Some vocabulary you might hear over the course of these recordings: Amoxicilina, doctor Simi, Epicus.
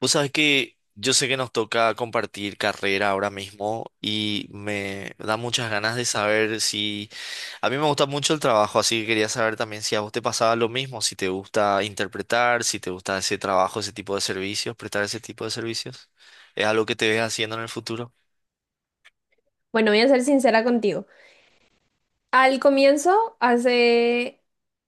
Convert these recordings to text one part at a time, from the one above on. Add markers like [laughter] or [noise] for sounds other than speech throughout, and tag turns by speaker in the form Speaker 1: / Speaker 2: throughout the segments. Speaker 1: Vos sabés que yo sé que nos toca compartir carrera ahora mismo y me da muchas ganas de saber si. A mí me gusta mucho el trabajo, así que quería saber también si a vos te pasaba lo mismo, si te gusta interpretar, si te gusta ese trabajo, ese tipo de servicios, prestar ese tipo de servicios. ¿Es algo que te ves haciendo en el futuro?
Speaker 2: Bueno, voy a ser sincera contigo. Al comienzo, hace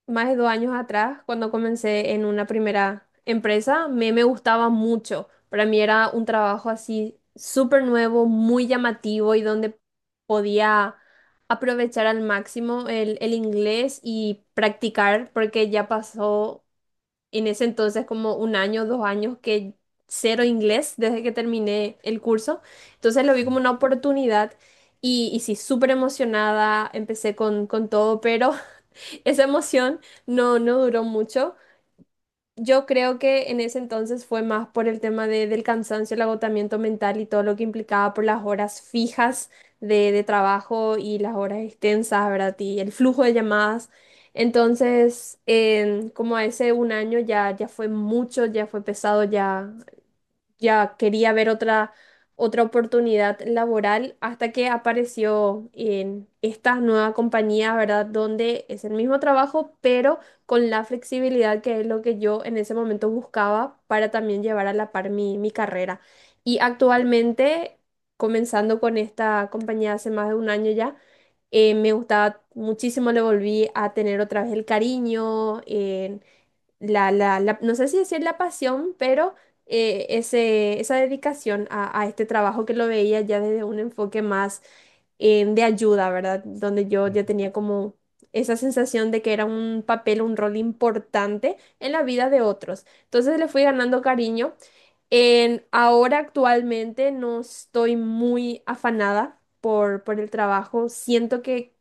Speaker 2: más de dos años atrás, cuando comencé en una primera empresa, me gustaba mucho. Para mí era un trabajo así súper nuevo, muy llamativo y donde podía aprovechar al máximo el inglés y practicar, porque ya pasó en ese entonces como un año, dos años que cero inglés desde que terminé el curso. Entonces lo vi como
Speaker 1: Mm,
Speaker 2: una oportunidad y sí, súper emocionada, empecé con todo, pero [laughs] esa emoción no duró mucho. Yo creo que en ese entonces fue más por el tema del cansancio, el agotamiento mental y todo lo que implicaba por las horas fijas de trabajo y las horas extensas, ¿verdad? Y el flujo de llamadas. Entonces, como hace un año ya, ya fue mucho, ya fue pesado, ya quería ver otra, otra oportunidad laboral hasta que apareció en esta nueva compañía, ¿verdad? Donde es el mismo trabajo, pero con la flexibilidad que es lo que yo en ese momento buscaba para también llevar a la par mi carrera. Y actualmente, comenzando con esta compañía hace más de un año ya, me gustaba muchísimo, le volví a tener otra vez el cariño, no sé si decir la pasión, pero ese, esa dedicación a este trabajo que lo veía ya desde un enfoque más de ayuda, ¿verdad? Donde yo ya
Speaker 1: mm,
Speaker 2: tenía como esa sensación de que era un papel, un rol importante en la vida de otros. Entonces le fui ganando cariño. En, ahora actualmente no estoy muy afanada por el trabajo. Siento que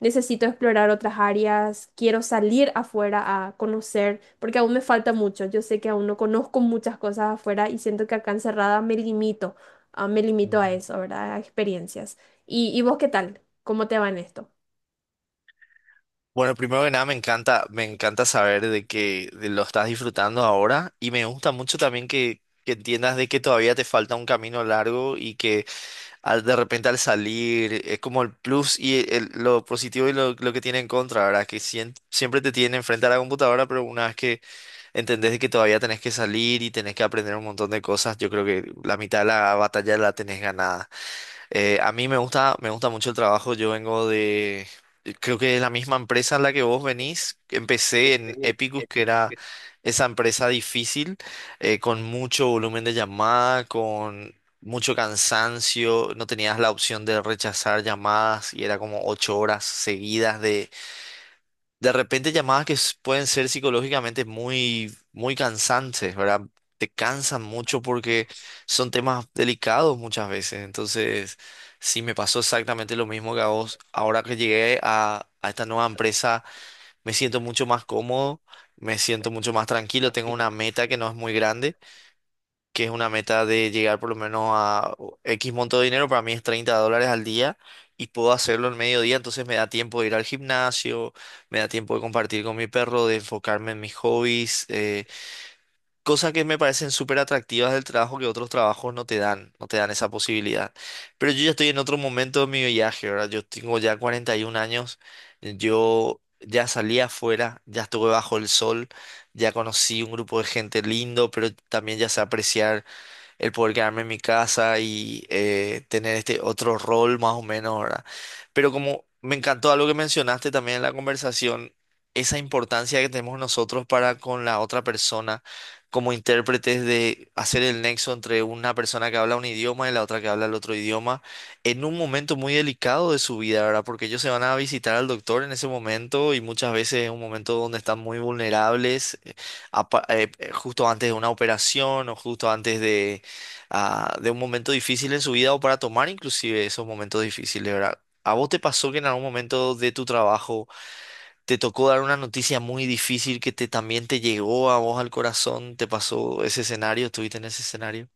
Speaker 2: necesito explorar otras áreas. Quiero salir afuera a conocer, porque aún me falta mucho. Yo sé que aún no conozco muchas cosas afuera y siento que acá encerrada me limito, me limito a
Speaker 1: mm.
Speaker 2: eso, ¿verdad? A experiencias. Y vos qué tal? ¿Cómo te va en esto?
Speaker 1: Bueno, primero que nada me encanta saber de que de lo estás disfrutando ahora y me gusta mucho también que entiendas de que todavía te falta un camino largo y que de repente al salir, es como el plus y lo positivo y lo que tiene en contra, ¿verdad? Que siempre te tiene enfrente a la computadora, pero una vez que entendés de que todavía tenés que salir y tenés que aprender un montón de cosas, yo creo que la mitad de la batalla la tenés ganada. A mí me gusta mucho el trabajo. Yo vengo de, creo que es la misma empresa en la que vos venís. Empecé en Epicus, que era esa empresa difícil, con mucho volumen de llamada, con mucho cansancio. No tenías la opción de rechazar llamadas y era como 8 horas seguidas de repente llamadas que pueden ser psicológicamente muy, muy cansantes, ¿verdad? Te cansan mucho porque son temas delicados muchas veces. Entonces, sí, me pasó exactamente lo mismo que a vos. Ahora que llegué a esta nueva empresa, me siento mucho más cómodo, me siento mucho más tranquilo, tengo una meta que no es muy grande que es una meta de llegar por lo menos a X monto de dinero, para mí es $30 al día y puedo hacerlo en mediodía, entonces me da tiempo de ir al gimnasio, me da tiempo de compartir con mi perro, de enfocarme en mis hobbies, cosas que me parecen súper atractivas del trabajo que otros trabajos no te dan, no te dan esa posibilidad. Pero yo ya estoy en otro momento de mi viaje, ¿verdad? Yo tengo ya 41 años, yo. Ya salí afuera, ya estuve bajo el sol, ya conocí un grupo de gente lindo, pero también ya sé apreciar el poder quedarme en mi casa y tener este otro rol más o menos, ¿verdad? Pero como me encantó algo que mencionaste también en la conversación, esa importancia que tenemos nosotros para con la otra persona como intérpretes de hacer el nexo entre una persona que habla un idioma y la otra que habla el otro idioma en un momento muy delicado de su vida, ¿verdad? Porque ellos se van a visitar al doctor en ese momento y muchas veces es un momento donde están muy vulnerables justo antes de una operación o justo antes de un momento difícil en su vida o para tomar inclusive esos momentos difíciles, ¿verdad? ¿A vos te pasó que en algún momento de tu trabajo te tocó dar una noticia muy difícil que también te llegó a vos al corazón? ¿Te pasó ese escenario? ¿Estuviste en ese escenario?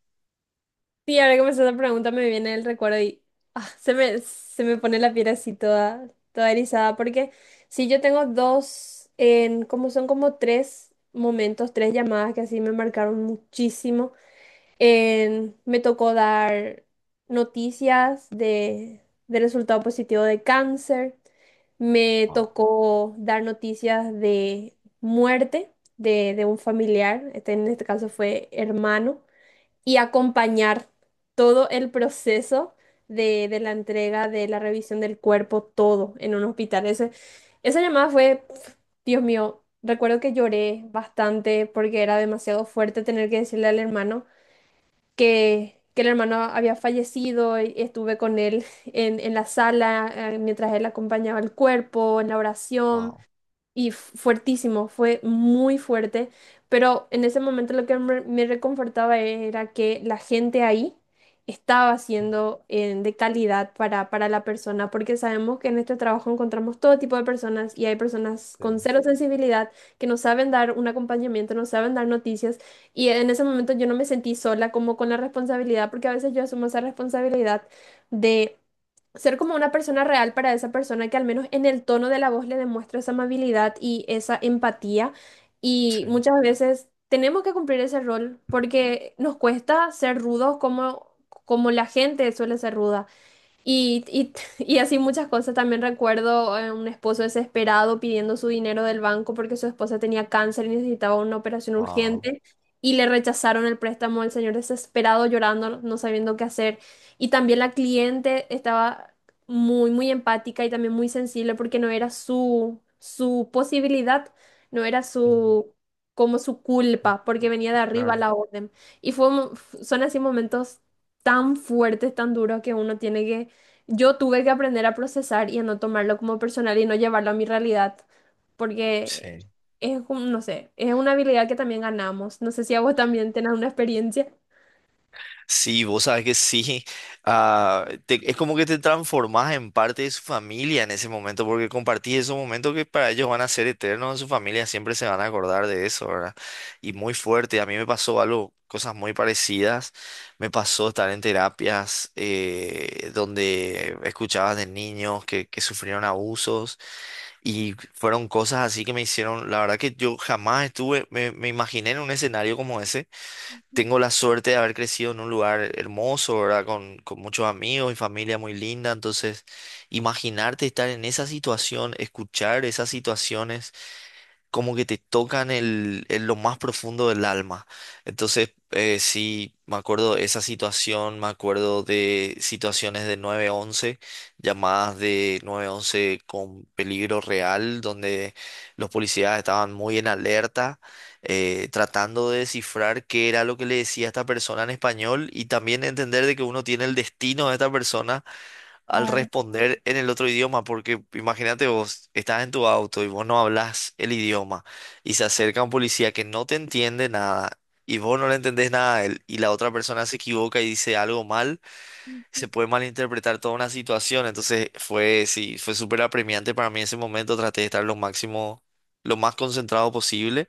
Speaker 2: Sí, ahora que me haces esa pregunta me viene el recuerdo y se me pone la piel así toda, toda erizada, porque sí, yo tengo dos, en, como son como tres momentos, tres llamadas que así me marcaron muchísimo. Me tocó dar noticias de resultado positivo de cáncer, me tocó dar noticias de muerte de un familiar, este, en este caso fue hermano, y acompañar todo el proceso de la entrega, de la revisión del cuerpo, todo en un hospital. Ese, esa llamada fue, pf, Dios mío, recuerdo que lloré bastante porque era demasiado fuerte tener que decirle al hermano que el hermano había fallecido y estuve con él en la sala mientras él acompañaba el cuerpo, en la oración
Speaker 1: Wow.
Speaker 2: y fuertísimo, fue muy fuerte, pero en ese momento lo que me reconfortaba era que la gente ahí estaba siendo de calidad para la persona, porque sabemos que en este trabajo encontramos todo tipo de personas y hay personas
Speaker 1: Sí,
Speaker 2: con cero sensibilidad que no saben dar un acompañamiento, no saben dar noticias, y en ese momento yo no me sentí sola como con la responsabilidad, porque a veces yo asumo esa responsabilidad de ser como una persona real para esa persona que al menos en el tono de la voz le demuestra esa amabilidad y esa empatía. Y
Speaker 1: sí.
Speaker 2: muchas veces tenemos que cumplir ese rol porque nos cuesta ser rudos como, como la gente suele ser ruda. Y, y, [laughs] y así muchas cosas. También recuerdo a un esposo desesperado pidiendo su dinero del banco porque su esposa tenía cáncer y necesitaba una operación
Speaker 1: Wow.
Speaker 2: urgente y le rechazaron el préstamo. El señor desesperado llorando, no sabiendo qué hacer. Y también la cliente estaba muy, muy empática y también muy sensible porque no era su, su posibilidad, no era su, como su culpa, porque venía de arriba
Speaker 1: Claro.
Speaker 2: la orden. Y fue, un- Son así momentos tan fuertes, tan duros que uno tiene que yo tuve que aprender a procesar y a no tomarlo como personal y no llevarlo a mi realidad, porque
Speaker 1: Sí.
Speaker 2: es, no sé, es una habilidad que también ganamos. No sé si a vos también tenés una experiencia.
Speaker 1: Sí, vos sabes que sí. Es como que te transformás en parte de su familia en ese momento, porque compartís esos momentos que para ellos van a ser eternos en su familia, siempre se van a acordar de eso, ¿verdad? Y muy fuerte. A mí me pasó algo, cosas muy parecidas. Me pasó estar en terapias donde escuchabas de niños que sufrieron abusos y fueron cosas así que me hicieron, la verdad que yo jamás estuve, me imaginé en un escenario como ese.
Speaker 2: Ujú.
Speaker 1: Tengo la suerte de haber crecido en un lugar hermoso, ¿verdad? Con muchos amigos y familia muy linda. Entonces, imaginarte estar en esa situación, escuchar esas situaciones como que te tocan el, en lo más profundo del alma. Entonces, sí, me acuerdo de esa situación, me acuerdo de situaciones de 911, llamadas de nueve once con peligro real, donde los policías estaban muy en alerta, tratando de descifrar qué era lo que le decía esta persona en español y también entender de que uno tiene el destino de esta persona al
Speaker 2: Claro.
Speaker 1: responder en el otro idioma, porque imagínate vos, estás en tu auto y vos no hablas el idioma y se acerca un policía que no te entiende nada y vos no le entendés nada a él y la otra persona se equivoca y dice algo mal, se puede malinterpretar toda una situación, entonces fue, sí, fue súper apremiante para mí en ese momento, traté de estar lo máximo, lo más concentrado posible,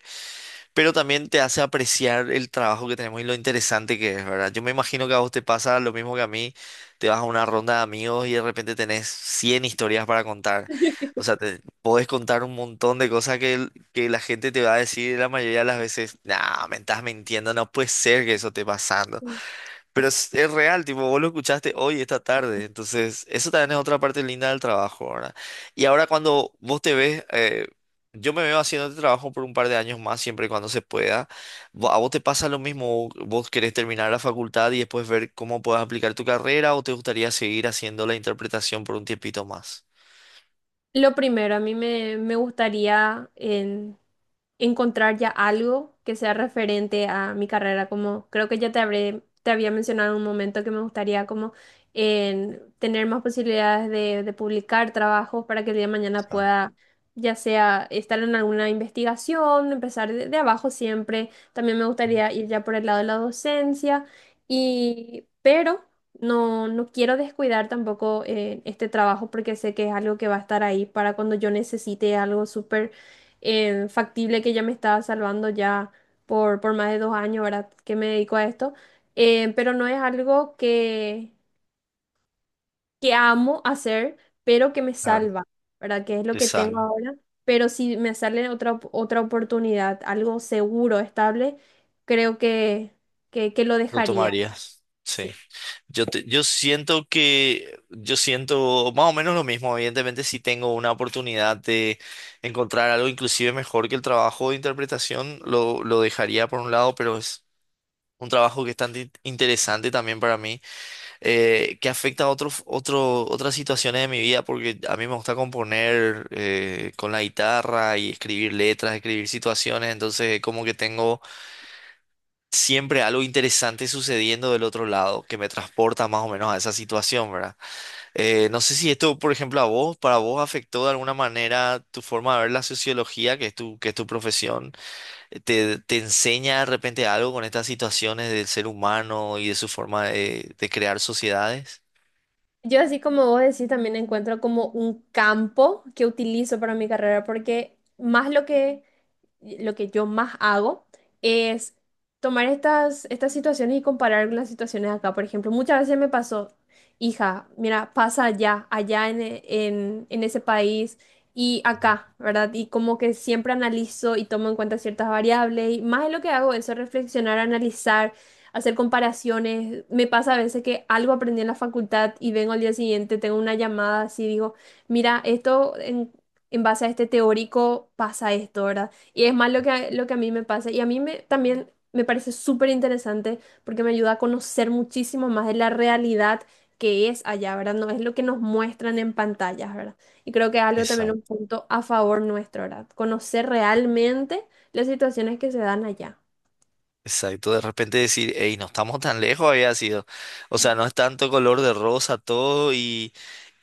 Speaker 1: pero también te hace apreciar el trabajo que tenemos y lo interesante que es, ¿verdad? Yo me imagino que a vos te pasa lo mismo que a mí, te vas a una ronda de amigos y de repente tenés 100 historias para contar,
Speaker 2: [laughs]
Speaker 1: o sea, te podés contar un montón de cosas que, que la gente te va a decir la mayoría de las veces, nah, me estás mintiendo, no puede ser que eso esté pasando.
Speaker 2: Ujú.
Speaker 1: Pero es real, tipo, vos lo escuchaste hoy, esta tarde. Entonces, eso también es otra parte linda del trabajo, ¿verdad? Y ahora cuando vos te ves, yo me veo haciendo este trabajo por un par de años más, siempre y cuando se pueda. ¿A vos te pasa lo mismo? ¿Vos querés terminar la facultad y después ver cómo puedes aplicar tu carrera o te gustaría seguir haciendo la interpretación por un tiempito más?
Speaker 2: Lo primero, a mí me gustaría encontrar ya algo que sea referente a mi carrera, como creo que ya te habré, te había mencionado en un momento que me gustaría como en tener más posibilidades de publicar trabajos para que el día de mañana
Speaker 1: Exacto.
Speaker 2: pueda, ya sea estar en alguna investigación, empezar de abajo siempre. También me gustaría ir ya por el lado de la docencia y, pero no, no quiero descuidar tampoco este trabajo porque sé que es algo que va a estar ahí para cuando yo necesite algo súper factible que ya me estaba salvando ya por más de dos años, ¿verdad? Que me dedico a esto. Pero no es algo que amo hacer, pero que me
Speaker 1: Claro.
Speaker 2: salva, ¿verdad? Que es lo
Speaker 1: Te
Speaker 2: que tengo
Speaker 1: salva.
Speaker 2: ahora. Pero si me sale otra, otra oportunidad, algo seguro, estable, creo que, que lo
Speaker 1: Lo
Speaker 2: dejaría,
Speaker 1: tomarías. Sí.
Speaker 2: sí.
Speaker 1: Yo siento que, yo siento más o menos lo mismo. Evidentemente, si tengo una oportunidad de encontrar algo inclusive mejor que el trabajo de interpretación, lo dejaría por un lado, pero es un trabajo que es tan interesante también para mí, que afecta a otros otras situaciones de mi vida, porque a mí me gusta componer con la guitarra y escribir letras, escribir situaciones, entonces como que tengo siempre algo interesante sucediendo del otro lado que me transporta más o menos a esa situación, ¿verdad? No sé si esto, por ejemplo, a vos, para vos afectó de alguna manera tu forma de ver la sociología, que es tu profesión. Te enseña de repente algo con estas situaciones del ser humano y de su forma de crear sociedades.
Speaker 2: Yo así como vos decís, también encuentro como un campo que utilizo para mi carrera, porque más lo que yo más hago es tomar estas, estas situaciones y comparar con las situaciones acá. Por ejemplo, muchas veces me pasó, hija, mira, pasa allá, allá en, en ese país y
Speaker 1: Ujú.
Speaker 2: acá, ¿verdad? Y como que siempre analizo y tomo en cuenta ciertas variables y más de lo que hago eso, reflexionar, analizar, hacer comparaciones. Me pasa a veces que algo aprendí en la facultad y vengo al día siguiente, tengo una llamada así, digo, mira, esto en base a este teórico pasa esto, ¿verdad? Y es más lo que, lo que a mí me pasa. Y a mí me, también me parece súper interesante porque me ayuda a conocer muchísimo más de la realidad que es allá, ¿verdad? No es lo que nos muestran en pantallas, ¿verdad? Y creo que es algo también un
Speaker 1: Exacto.
Speaker 2: punto a favor nuestro, ¿verdad? Conocer realmente las situaciones que se dan allá.
Speaker 1: Exacto, de repente decir, hey, no estamos tan lejos había sido. O sea, no es tanto color de rosa todo y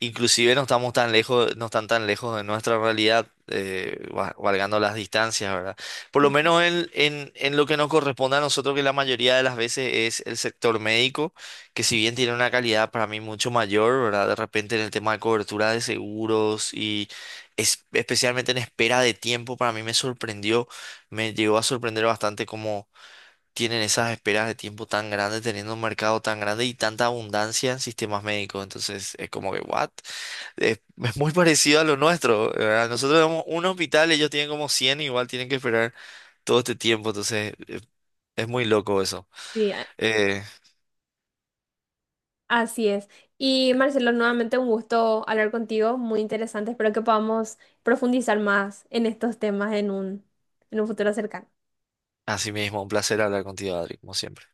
Speaker 1: inclusive no estamos tan lejos, no están tan lejos de nuestra realidad, valgando las distancias, ¿verdad? Por lo menos en lo que nos corresponde a nosotros, que la mayoría de las veces es el sector médico, que si bien tiene una calidad para mí mucho mayor, ¿verdad? De repente en el tema de cobertura de seguros y especialmente en espera de tiempo, para mí me sorprendió, me llegó a sorprender bastante como tienen esas esperas de tiempo tan grandes, teniendo un mercado tan grande y tanta abundancia en sistemas médicos. Entonces es como que, ¿what? Es muy parecido a lo nuestro, ¿verdad? Nosotros tenemos un hospital, ellos tienen como 100, igual tienen que esperar todo este tiempo. Entonces es muy loco eso.
Speaker 2: Sí,
Speaker 1: Eh,
Speaker 2: así es. Y Marcelo, nuevamente un gusto hablar contigo, muy interesante. Espero que podamos profundizar más en estos temas en un futuro cercano.
Speaker 1: Así mismo, un placer hablar contigo, Adri, como siempre.